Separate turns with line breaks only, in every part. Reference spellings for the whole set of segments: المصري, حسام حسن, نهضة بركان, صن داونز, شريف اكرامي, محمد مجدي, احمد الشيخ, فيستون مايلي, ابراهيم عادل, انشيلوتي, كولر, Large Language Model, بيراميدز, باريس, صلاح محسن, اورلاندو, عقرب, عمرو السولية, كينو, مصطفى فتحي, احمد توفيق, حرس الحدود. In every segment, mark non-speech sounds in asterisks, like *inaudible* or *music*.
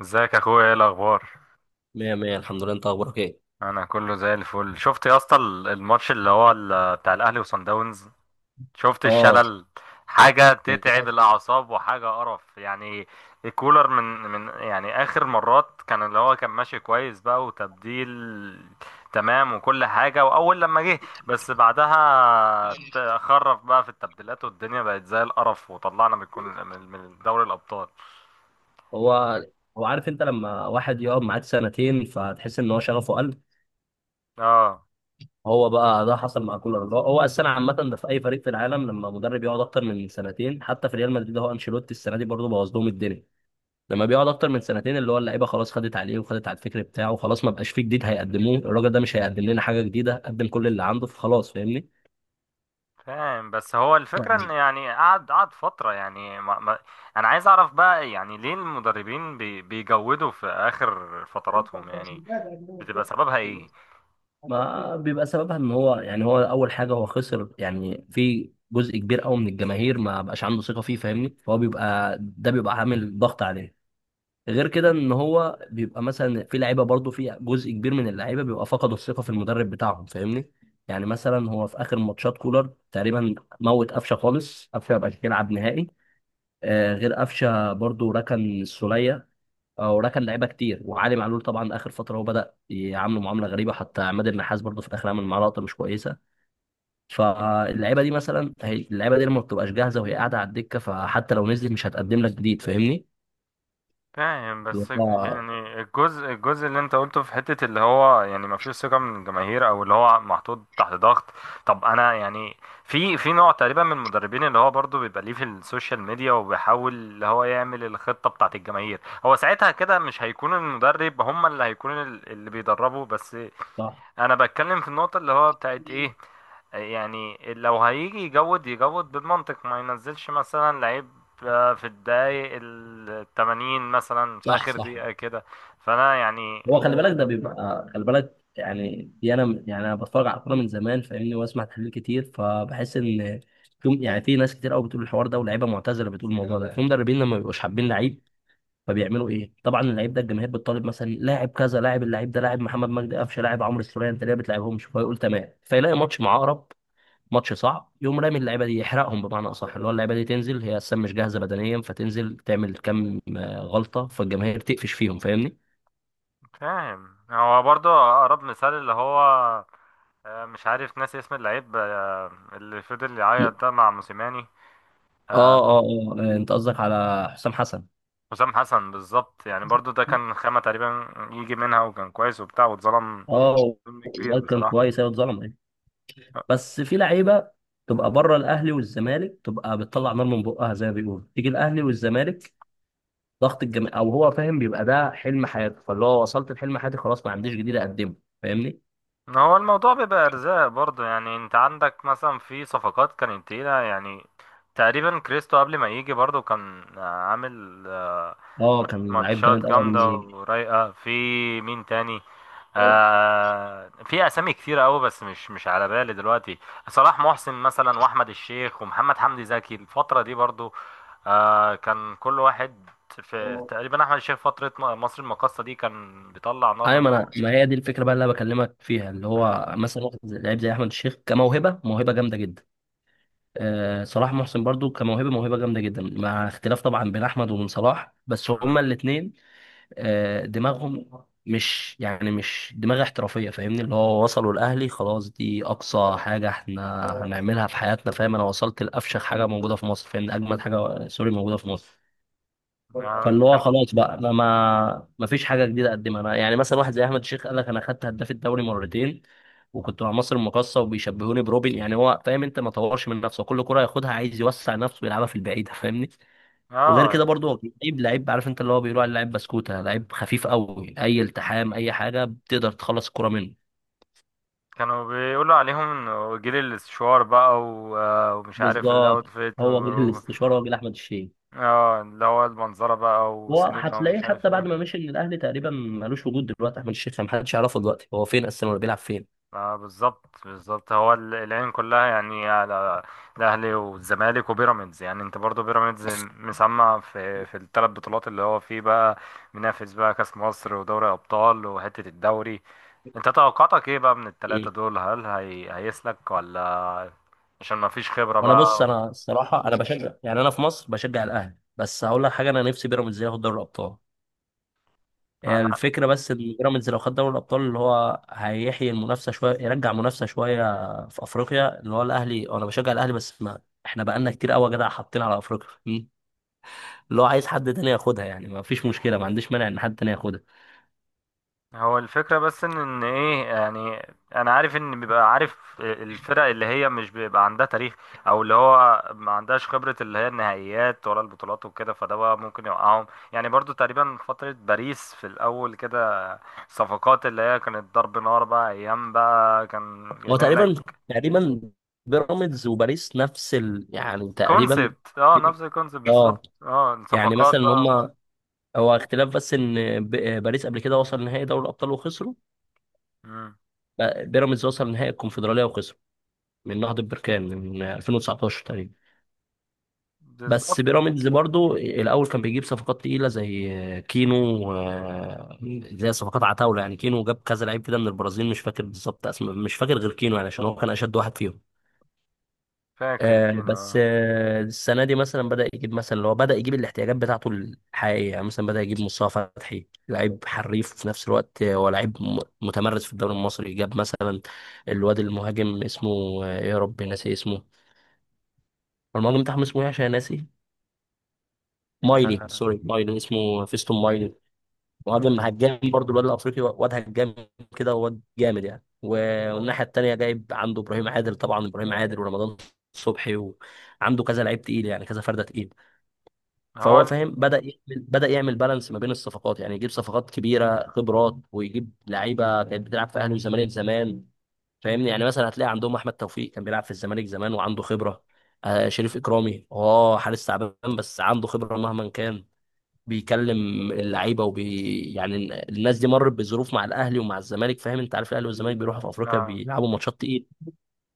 ازيك يا اخويا، ايه الاخبار؟
مية مية الحمد لله، انت اخبارك ايه؟
انا كله زي الفل. شفت يا اسطى الماتش اللي هو بتاع الاهلي وصن داونز؟ شفت
اه،
الشلل. حاجه تتعب
للاسف.
الاعصاب وحاجه قرف يعني. الكولر من يعني اخر مرات، كان اللي هو كان ماشي كويس بقى وتبديل، تمام وكل حاجه، واول لما جه بس بعدها خرف بقى في التبديلات، والدنيا بقت زي القرف وطلعنا من من دوري الابطال.
هو هو عارف انت، لما واحد يقعد معاك سنتين فتحس ان هو شغفه قل.
اه.
هو بقى ده حصل مع كولر. هو السنه عامه ده في اي فريق في العالم، لما مدرب يقعد اكتر من سنتين. حتى في ريال مدريد، هو انشيلوتي السنه دي برضه بوظ لهم الدنيا. لما بيقعد اكتر من سنتين اللي هو اللعيبه خلاص خدت عليه وخدت على الفكر بتاعه، خلاص ما بقاش فيه جديد هيقدموه. الراجل ده مش هيقدم لنا حاجه جديده، قدم كل اللي عنده فخلاص.
فاهم، بس هو الفكرة ان
فاهمني؟
يعني قعد قعد فترة، يعني ما ما. انا عايز اعرف بقى يعني ليه المدربين بيجودوا في اخر فتراتهم يعني. بتبقى سببها ايه؟
ما بيبقى سببها ان هو، يعني هو اول حاجه هو خسر يعني في جزء كبير قوي من الجماهير، ما بقاش عنده ثقه فيه فاهمني، فهو بيبقى ده بيبقى عامل ضغط عليه. غير كده ان هو بيبقى مثلا في لعيبه برضه، في جزء كبير من اللعيبه بيبقى فقدوا الثقه في المدرب بتاعهم فاهمني. يعني مثلا هو في اخر ماتشات كولر تقريبا موت قفشه خالص، قفشه ما بقاش يلعب نهائي. آه غير قفشه برضه ركن السوليه. اه، وراه كان لعيبه كتير وعلي معلول. طبعا اخر فتره هو بدا يعامله معامله غريبه، حتى عماد النحاس برضه في الاخر عمل معاه لقطه مش كويسه. فاللعيبه دي مثلا، هي اللعيبه دي لما بتبقاش جاهزه وهي قاعده على الدكه، فحتى لو نزلت مش هتقدم لك جديد. فاهمني؟
فاهم، بس
اه،
يعني الجزء اللي انت قلته في حتة اللي هو يعني ما فيش ثقة من الجماهير، او اللي هو محطوط تحت ضغط. طب انا يعني، في نوع تقريبا من المدربين اللي هو برضو بيبقى ليه في السوشيال ميديا، وبيحاول اللي هو يعمل الخطة بتاعت الجماهير. هو ساعتها كده مش هيكون المدرب، هم اللي هيكون اللي بيدربوا بس.
صح،
انا بتكلم في النقطة اللي هو بتاعت ايه. يعني لو هيجي يجود، يجود بالمنطق، ما ينزلش مثلا لعيب في الدقايق 80، مثلا في
صح،
آخر
صح.
دقيقة كده. فأنا يعني.
هو خلي بالك ده بيبقى، خلي بالك يعني دي، انا بتفرج على الكوره من زمان فاهمني، واسمع تحليل كتير، فبحس ان في، يعني في ناس كتير قوي بتقول الحوار ده، ولاعيبه معتزله بتقول الموضوع ده، في مدربين لما بيبقوش حابين لعيب فبيعملوا ايه؟ طبعا اللعيب ده الجماهير بتطالب مثلا، لاعب كذا لاعب، اللعيب ده لاعب، محمد مجدي قفشه لاعب، عمرو السولية، انت ليه ما بتلعبهمش؟ فيقول تمام، فيلاقي ماتش مع عقرب، ماتش صعب، يقوم رامي اللعيبه دي يحرقهم. بمعنى اصح، اللي هو اللعيبه دي تنزل هي اصلا مش جاهزه بدنيا، فتنزل تعمل كم غلطه، فالجماهير تقفش فيهم فاهمني.
فاهم، هو برضو أقرب مثال اللي هو مش عارف، ناسي اسم اللعيب اللي فضل
م-
يعيط ده مع موسيماني. آه،
انت قصدك على حسام حسن.
حسام حسن بالظبط، يعني برضو ده كان خامة تقريبا يجي منها، وكان كويس وبتاع، واتظلم.
اه،
ظلم كبير
الواد كان
بصراحة.
كويس، ايوه اتظلم أيوة. بس في لعيبه تبقى بره الاهلي والزمالك، تبقى بتطلع نار من بقها زي ما بيقولوا، تيجي الاهلي والزمالك، ضغط الجامعة، او هو فاهم بيبقى ده حلم حياته، فاللي هو وصلت لحلم حياتي خلاص، ما عنديش جديد اقدمه. فاهمني.
ما هو الموضوع بيبقى ارزاق برضه، يعني انت عندك مثلا في صفقات كانت تقيلة يعني. تقريبا كريستو قبل ما يجي برضه كان عامل
اه، كان لعيب
ماتشات
جامد قوي قبل ما
جامدة
يجي.
ورايقة في. مين تاني؟ في اسامي كتيرة قوي، بس مش على بالي دلوقتي. صلاح محسن مثلا، واحمد الشيخ، ومحمد حمدي زكي الفترة دي برضه. كان كل واحد في تقريبا، احمد الشيخ فترة مصر المقاصة دي كان بيطلع نار
ايوه،
من
ما
بقه.
انا ما هي دي الفكره بقى اللي انا بكلمك فيها، اللي هو مثلا واحد لعيب زي احمد الشيخ، كموهبه موهبه جامده جدا. آه صلاح محسن برضو كموهبه موهبه جامده جدا، مع اختلاف طبعا بين احمد وبين صلاح، بس هما الاثنين دماغهم مش، يعني مش دماغ احترافية فاهمني. اللي هو وصلوا الأهلي، خلاص دي أقصى حاجة احنا هنعملها في حياتنا، فاهم، أنا وصلت لأفشخ حاجة موجودة في مصر فاهمني، أجمد حاجة سوري موجودة في مصر.
آه،
فاللي هو
كان
خلاص بقى، أنا ما فيش حاجة جديدة أقدمها. أنا يعني مثلا واحد زي أحمد الشيخ قال لك، أنا خدت هداف الدوري مرتين وكنت مع مصر المقاصة وبيشبهوني بروبن، يعني هو فاهم. أنت ما طورش من نفسه، كل كرة ياخدها عايز يوسع نفسه ويلعبها في البعيدة فاهمني. وغير كده
اه
برضو هو لعيب، عارف انت اللي هو بيقولوا عليه لعيب بسكوته، لعيب خفيف قوي، اي التحام اي حاجه بتقدر تخلص الكره منه.
كانوا بيقولوا عليهم انه جيل السشوار بقى و ومش عارف
بالظبط.
الاوتفيت
هو جيل الاستشوار، هو جيل احمد الشيخ.
اه اللي هو المنظره بقى،
هو
وسينما
هتلاقيه
ومش عارف
حتى بعد
ايه.
ما مشي من الاهلي تقريبا ملوش وجود، دلوقتي احمد الشيخ محدش يعرفه دلوقتي هو فين اصلا ولا بيلعب فين.
بالظبط، بالظبط، هو العين كلها يعني على الاهلي والزمالك وبيراميدز، يعني انت برضو بيراميدز مسمع في الثلاث بطولات اللي هو فيه بقى، منافس بقى كاس مصر، ودوري ابطال، وحته الدوري. انت توقعاتك ايه بقى من التلاتة
إيه.
دول؟ هل هيسلك ولا؟ عشان ما فيش خبرة
وانا بص،
بقى.
انا الصراحه انا بشجع، يعني انا في مصر بشجع الاهلي، بس هقول لك حاجه، انا نفسي بيراميدز ياخد دوري الابطال. يعني
انا
الفكرة بس إن بيراميدز لو خد دوري الأبطال، اللي هو هيحيي المنافسة شوية، يرجع منافسة شوية في أفريقيا. اللي هو الأهلي، أنا بشجع الأهلي، بس ما إحنا بقالنا كتير قوي يا جدع حاطين على أفريقيا. مم. اللي هو عايز حد تاني ياخدها يعني، ما فيش مشكلة، ما عنديش مانع إن حد تاني ياخدها.
هو الفكرة بس ان ايه يعني. انا عارف ان بيبقى عارف الفرق اللي هي مش بيبقى عندها تاريخ، او اللي هو ما عندهاش خبرة، اللي هي النهائيات ولا البطولات وكده، فده بقى ممكن يوقعهم. يعني برضو تقريبا فترة باريس في الاول كده، صفقات اللي هي كانت ضرب نار بقى، ايام بقى كان
هو
جايبين
تقريبا
لك
تقريبا بيراميدز وباريس نفس ال، يعني تقريبا
كونسبت،
*laughs*
اه
في-
نفس الكونسبت
اه.
بالظبط، اه
يعني
صفقات
مثلا إن
بقى.
هما، هو اختلاف بس إن باريس قبل كده وصل نهائي دوري الأبطال وخسروا.
مم.
بيراميدز وصل نهائي الكونفدرالية وخسر من نهضة بركان، من 2019 تقريبا.
بالظبط.
بس بيراميدز برضو الأول كان بيجيب صفقات تقيلة زي كينو و- زي صفقات عتاولة. يعني كينو جاب كذا لعيب كده من البرازيل، مش فاكر بالظبط اسمه، مش فاكر غير كينو، يعني عشان هو كان أشد واحد فيهم.
فاكر
بس
كده.
السنة دي مثلا بدأ يجيب مثلا، اللي هو بدأ يجيب الاحتياجات بتاعته الحقيقية. يعني مثلا بدأ يجيب مصطفى فتحي لعيب حريف في نفس الوقت، هو لعيب متمرس في الدوري المصري. جاب مثلا الواد المهاجم اسمه، يا ربي ناسي اسمه، المهاجم بتاعهم اسمه ايه عشان ناسي، مايلي
اه.
سوري مايلي، اسمه فيستون مايلي. مهاجم
آه.
هجام برضو، الواد الافريقي واد هجام كده، واد جامد يعني. والناحيه التانيه جايب عنده ابراهيم عادل، طبعا ابراهيم عادل ورمضان صبحي، وعنده كذا لعيب تقيل يعني، كذا فرده تقيل.
هو
فهو فاهم، بدا يعمل بالانس ما بين الصفقات. يعني يجيب صفقات كبيره خبرات، ويجيب لعيبه كانت بتلعب في اهلي والزمالك زمان. فاهمني. يعني مثلا هتلاقي عندهم احمد توفيق كان بيلعب في الزمالك زمان وعنده خبره، آه شريف اكرامي، اه حارس تعبان بس عنده خبره مهما كان، بيكلم اللعيبه وبي، يعني الناس دي مرت بظروف مع الاهلي ومع الزمالك فاهم. انت عارف الاهلي والزمالك بيروحوا في افريقيا
اه.
بيلعبوا ماتشات تقيل.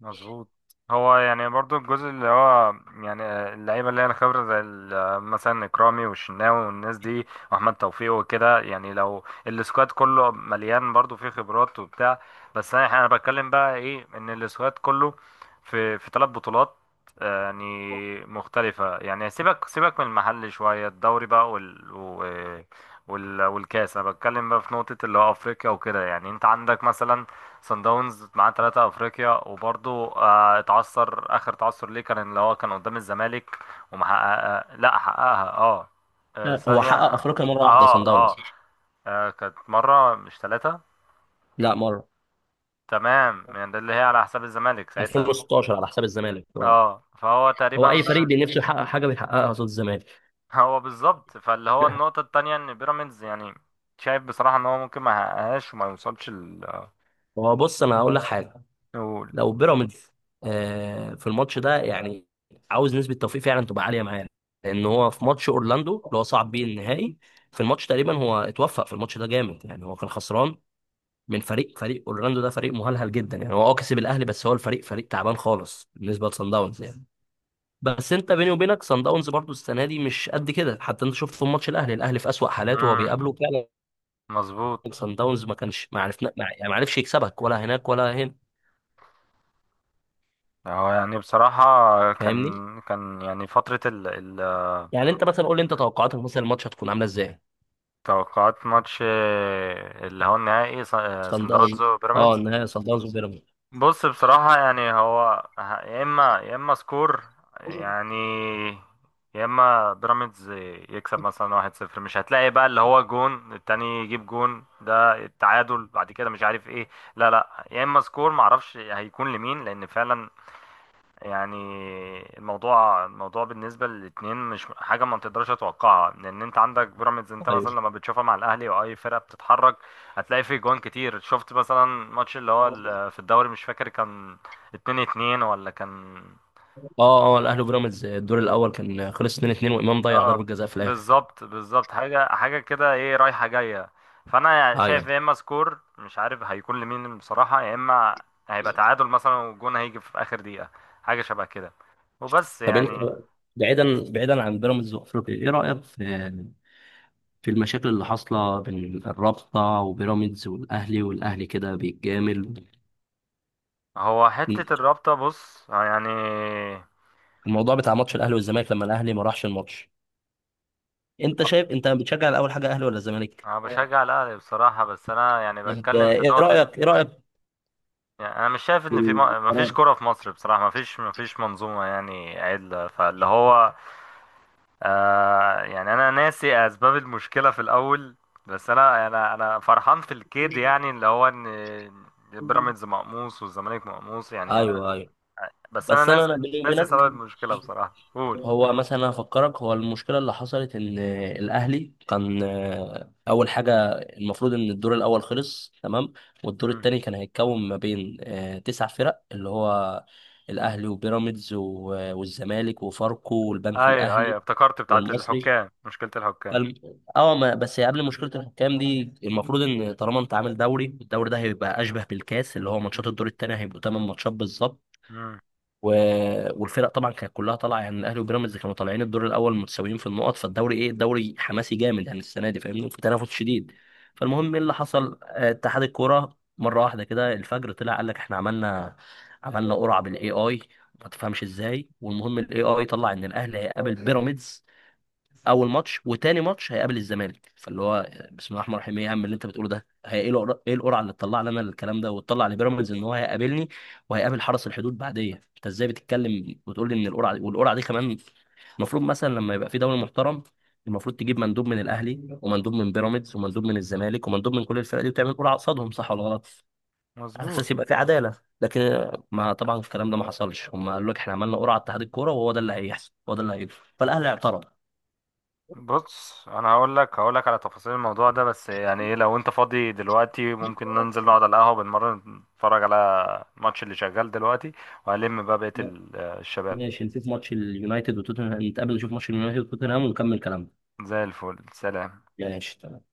مظبوط. هو يعني برضو الجزء اللي هو، يعني اللعيبه اللي هي الخبره زي مثلا اكرامي والشناوي والناس دي، واحمد توفيق وكده، يعني لو السكواد كله مليان برضو فيه خبرات وبتاع. بس انا بتكلم بقى ايه، ان السكواد كله في ثلاث بطولات يعني مختلفه، يعني سيبك سيبك من المحل شويه الدوري بقى والكاس. انا بتكلم بقى في نقطه اللي هو افريقيا وكده، يعني انت عندك مثلا صن داونز معاه ثلاثة افريقيا، وبرضه اتعثر، اخر تعثر ليه كان اللي هو كان قدام الزمالك. ومحققها، لا حققها. اه.
هو
ثانية.
حقق
اه.
افريقيا مره واحده صن
اه.
داونز.
كانت مرة مش ثلاثة.
لا مره،
تمام، يعني ده اللي هي على حساب الزمالك ساعتها.
2016 على حساب الزمالك اه.
اه. فهو
هو
تقريبا
اي فريق
بقى.
بنفسه يحقق حاجه بيحققها قصاد الزمالك.
*laughs* هو بالظبط. فاللي هو
*laughs*
النقطة التانية ان بيراميدز يعني، شايف بصراحة ان هو ممكن ما يحققهاش وما يوصلش ال.
هو بص انا هقول لك حاجه.
نقول.
لو بيراميدز في الماتش ده يعني، عاوز نسبه توفيق فعلا تبقى عاليه معاه. لان هو في ماتش اورلاندو اللي هو صعب بيه النهائي، في الماتش تقريبا هو اتوفق في الماتش ده جامد. يعني هو كان خسران من فريق اورلاندو، ده فريق مهلهل جدا. يعني هو اه كسب الاهلي، بس هو الفريق فريق تعبان خالص بالنسبه لصن داونز. يعني بس انت بيني وبينك، صن داونز برضو السنه دي مش قد كده، حتى انت شفت في ماتش الاهلي، الاهلي في اسوأ حالاته وهو
امم.
بيقابله فعلا.
مظبوط.
صن داونز ما كانش، ما عرفنا ما، يعني ما عرفش يكسبك ولا هناك ولا هنا.
هو يعني بصراحة كان
فاهمني.
كان يعني فترة ال
يعني انت مثلا قول لي، انت توقعاتك مثلا الماتش هتكون عامله ازاي؟
توقعات ماتش اللي هو النهائي صن-
صن
صن
داونز،
داونز
اه
وبيراميدز.
النهائي صن داونز وبيراميدز.
بص، بصراحة يعني هو يا إما سكور، يعني، يا إما بيراميدز يكسب مثلا 1-0، مش هتلاقي بقى اللي هو جون التاني يجيب جون ده التعادل بعد كده مش عارف ايه. لا، لا، يا إما سكور معرفش هيكون لمين، لأن فعلا يعني، الموضوع بالنسبة للاتنين مش حاجة ما تقدرش تتوقعها، لأن أنت عندك بيراميدز، أنت
ايوه.
مثلا لما بتشوفها مع الأهلي وأي فرقة بتتحرك هتلاقي فيه جوان كتير. شفت مثلا ماتش اللي هو في الدوري مش فاكر كان 2-2 ولا كان؟
اه اه الاهلي وبيراميدز الدور الاول كان خلص 2-2، وامام ضيع ضربه
اه.
جزاء في الاخر.
بالظبط، بالظبط، حاجة حاجة كده، ايه رايحة جاية. فأنا
ايوه.
شايف يا إما سكور مش عارف هيكون لمين بصراحة، يا إما هيبقى تعادل مثلا، والجون هيجي في آخر دقيقة، حاجة شبه كده وبس
طب انت،
يعني.
بعيدا بعيدا عن بيراميدز وافريقيا، ايه رايك في في المشاكل اللي حاصله بين الرابطه وبيراميدز والاهلي، والاهلي كده بيتجامل.
هو حتة الرابطة، بص، يعني،
الموضوع بتاع ماتش الاهلي والزمالك لما الاهلي ما راحش الماتش، انت شايف، انت بتشجع الاول حاجه اهلي ولا زمالك؟
أنا
اه،
بشجع الأهلي بصراحة، بس أنا يعني
انت
بتكلم في
ايه
نقطة.
رايك، ايه رايك
يعني أنا مش شايف
في
إن في مفيش
القرار؟
كرة في مصر بصراحة، مفيش منظومة يعني عدلة، فاللي هو يعني أنا ناسي أسباب المشكلة في الأول، بس أنا فرحان في الكيد، يعني اللي هو إن بيراميدز مقموص والزمالك مقموص، يعني أنا.
ايوه، ايوه.
بس أنا
بس انا
ناسي،
انا بيني
ناسي
وبينك،
سبب المشكلة بصراحة، قول.
هو مثلا انا افكرك، هو المشكله اللي حصلت ان الاهلي كان، اول حاجه المفروض ان الدور الاول خلص تمام، والدور
مم.
الثاني كان هيتكون ما بين تسع فرق، اللي هو الاهلي وبيراميدز والزمالك وفاركو والبنك
أيوه، أيوه،
الاهلي
افتكرت، بتاعت
والمصري.
الحكام، مشكلة الحكام.
فالم- اه ما بس قبل مشكله الحكام دي، المفروض ان طالما انت عامل دوري، الدوري ده هيبقى اشبه بالكاس، اللي هو ماتشات
مم.
الدور الثاني هيبقوا 8 ماتشات بالظبط.
مم.
و... والفرق طبعا كانت كلها طالعه، يعني الاهلي وبيراميدز كانوا طالعين الدور الاول متساويين في النقط، فالدوري ايه، الدوري حماسي جامد يعني السنه دي فاهمني، في تنافس شديد. فالمهم ايه اللي حصل، اتحاد الكوره مره واحده كده الفجر طلع قال لك، احنا عملنا قرعه بالاي اي، ما تفهمش ازاي. والمهم الاي اي طلع ان الاهلي هيقابل بيراميدز اول ماتش، وتاني ماتش هيقابل الزمالك. فاللي هو بسم الله الرحمن الرحيم، ايه يا عم اللي انت بتقوله ده؟ هي ايه القرعه، ايه القرعه اللي تطلع لنا الكلام ده، وتطلع لبيراميدز ان هو هيقابلني وهيقابل حرس الحدود بعديه؟ انت ازاي بتتكلم وتقول لي ان القرعه دي، والقرعه دي كمان. المفروض مثلا لما يبقى في دوري محترم، المفروض تجيب مندوب من الاهلي ومندوب من بيراميدز ومندوب من الزمالك ومندوب من كل الفرق دي، وتعمل قرعه قصادهم، صح ولا غلط؟ على
مظبوط.
اساس يبقى في عداله. لكن ما طبعا الكلام ده ما حصلش، هم قالوا لك احنا عملنا قرعه اتحاد الكوره، وهو ده اللي هيحصل هو ده اللي هيجري، فالاهلي اعترض.
بص، انا هقول لك على تفاصيل الموضوع ده، بس يعني ايه، لو انت فاضي دلوقتي ممكن ننزل نقعد على القهوة بنمرن، نتفرج على الماتش اللي شغال دلوقتي، وهلم بقى بقية الشباب.
ماشي نشوف ماتش اليونايتد وتوتنهام، نتقابل نشوف ماتش اليونايتد وتوتنهام ونكمل كلامنا.
زي الفل. سلام.
ماشي تمام.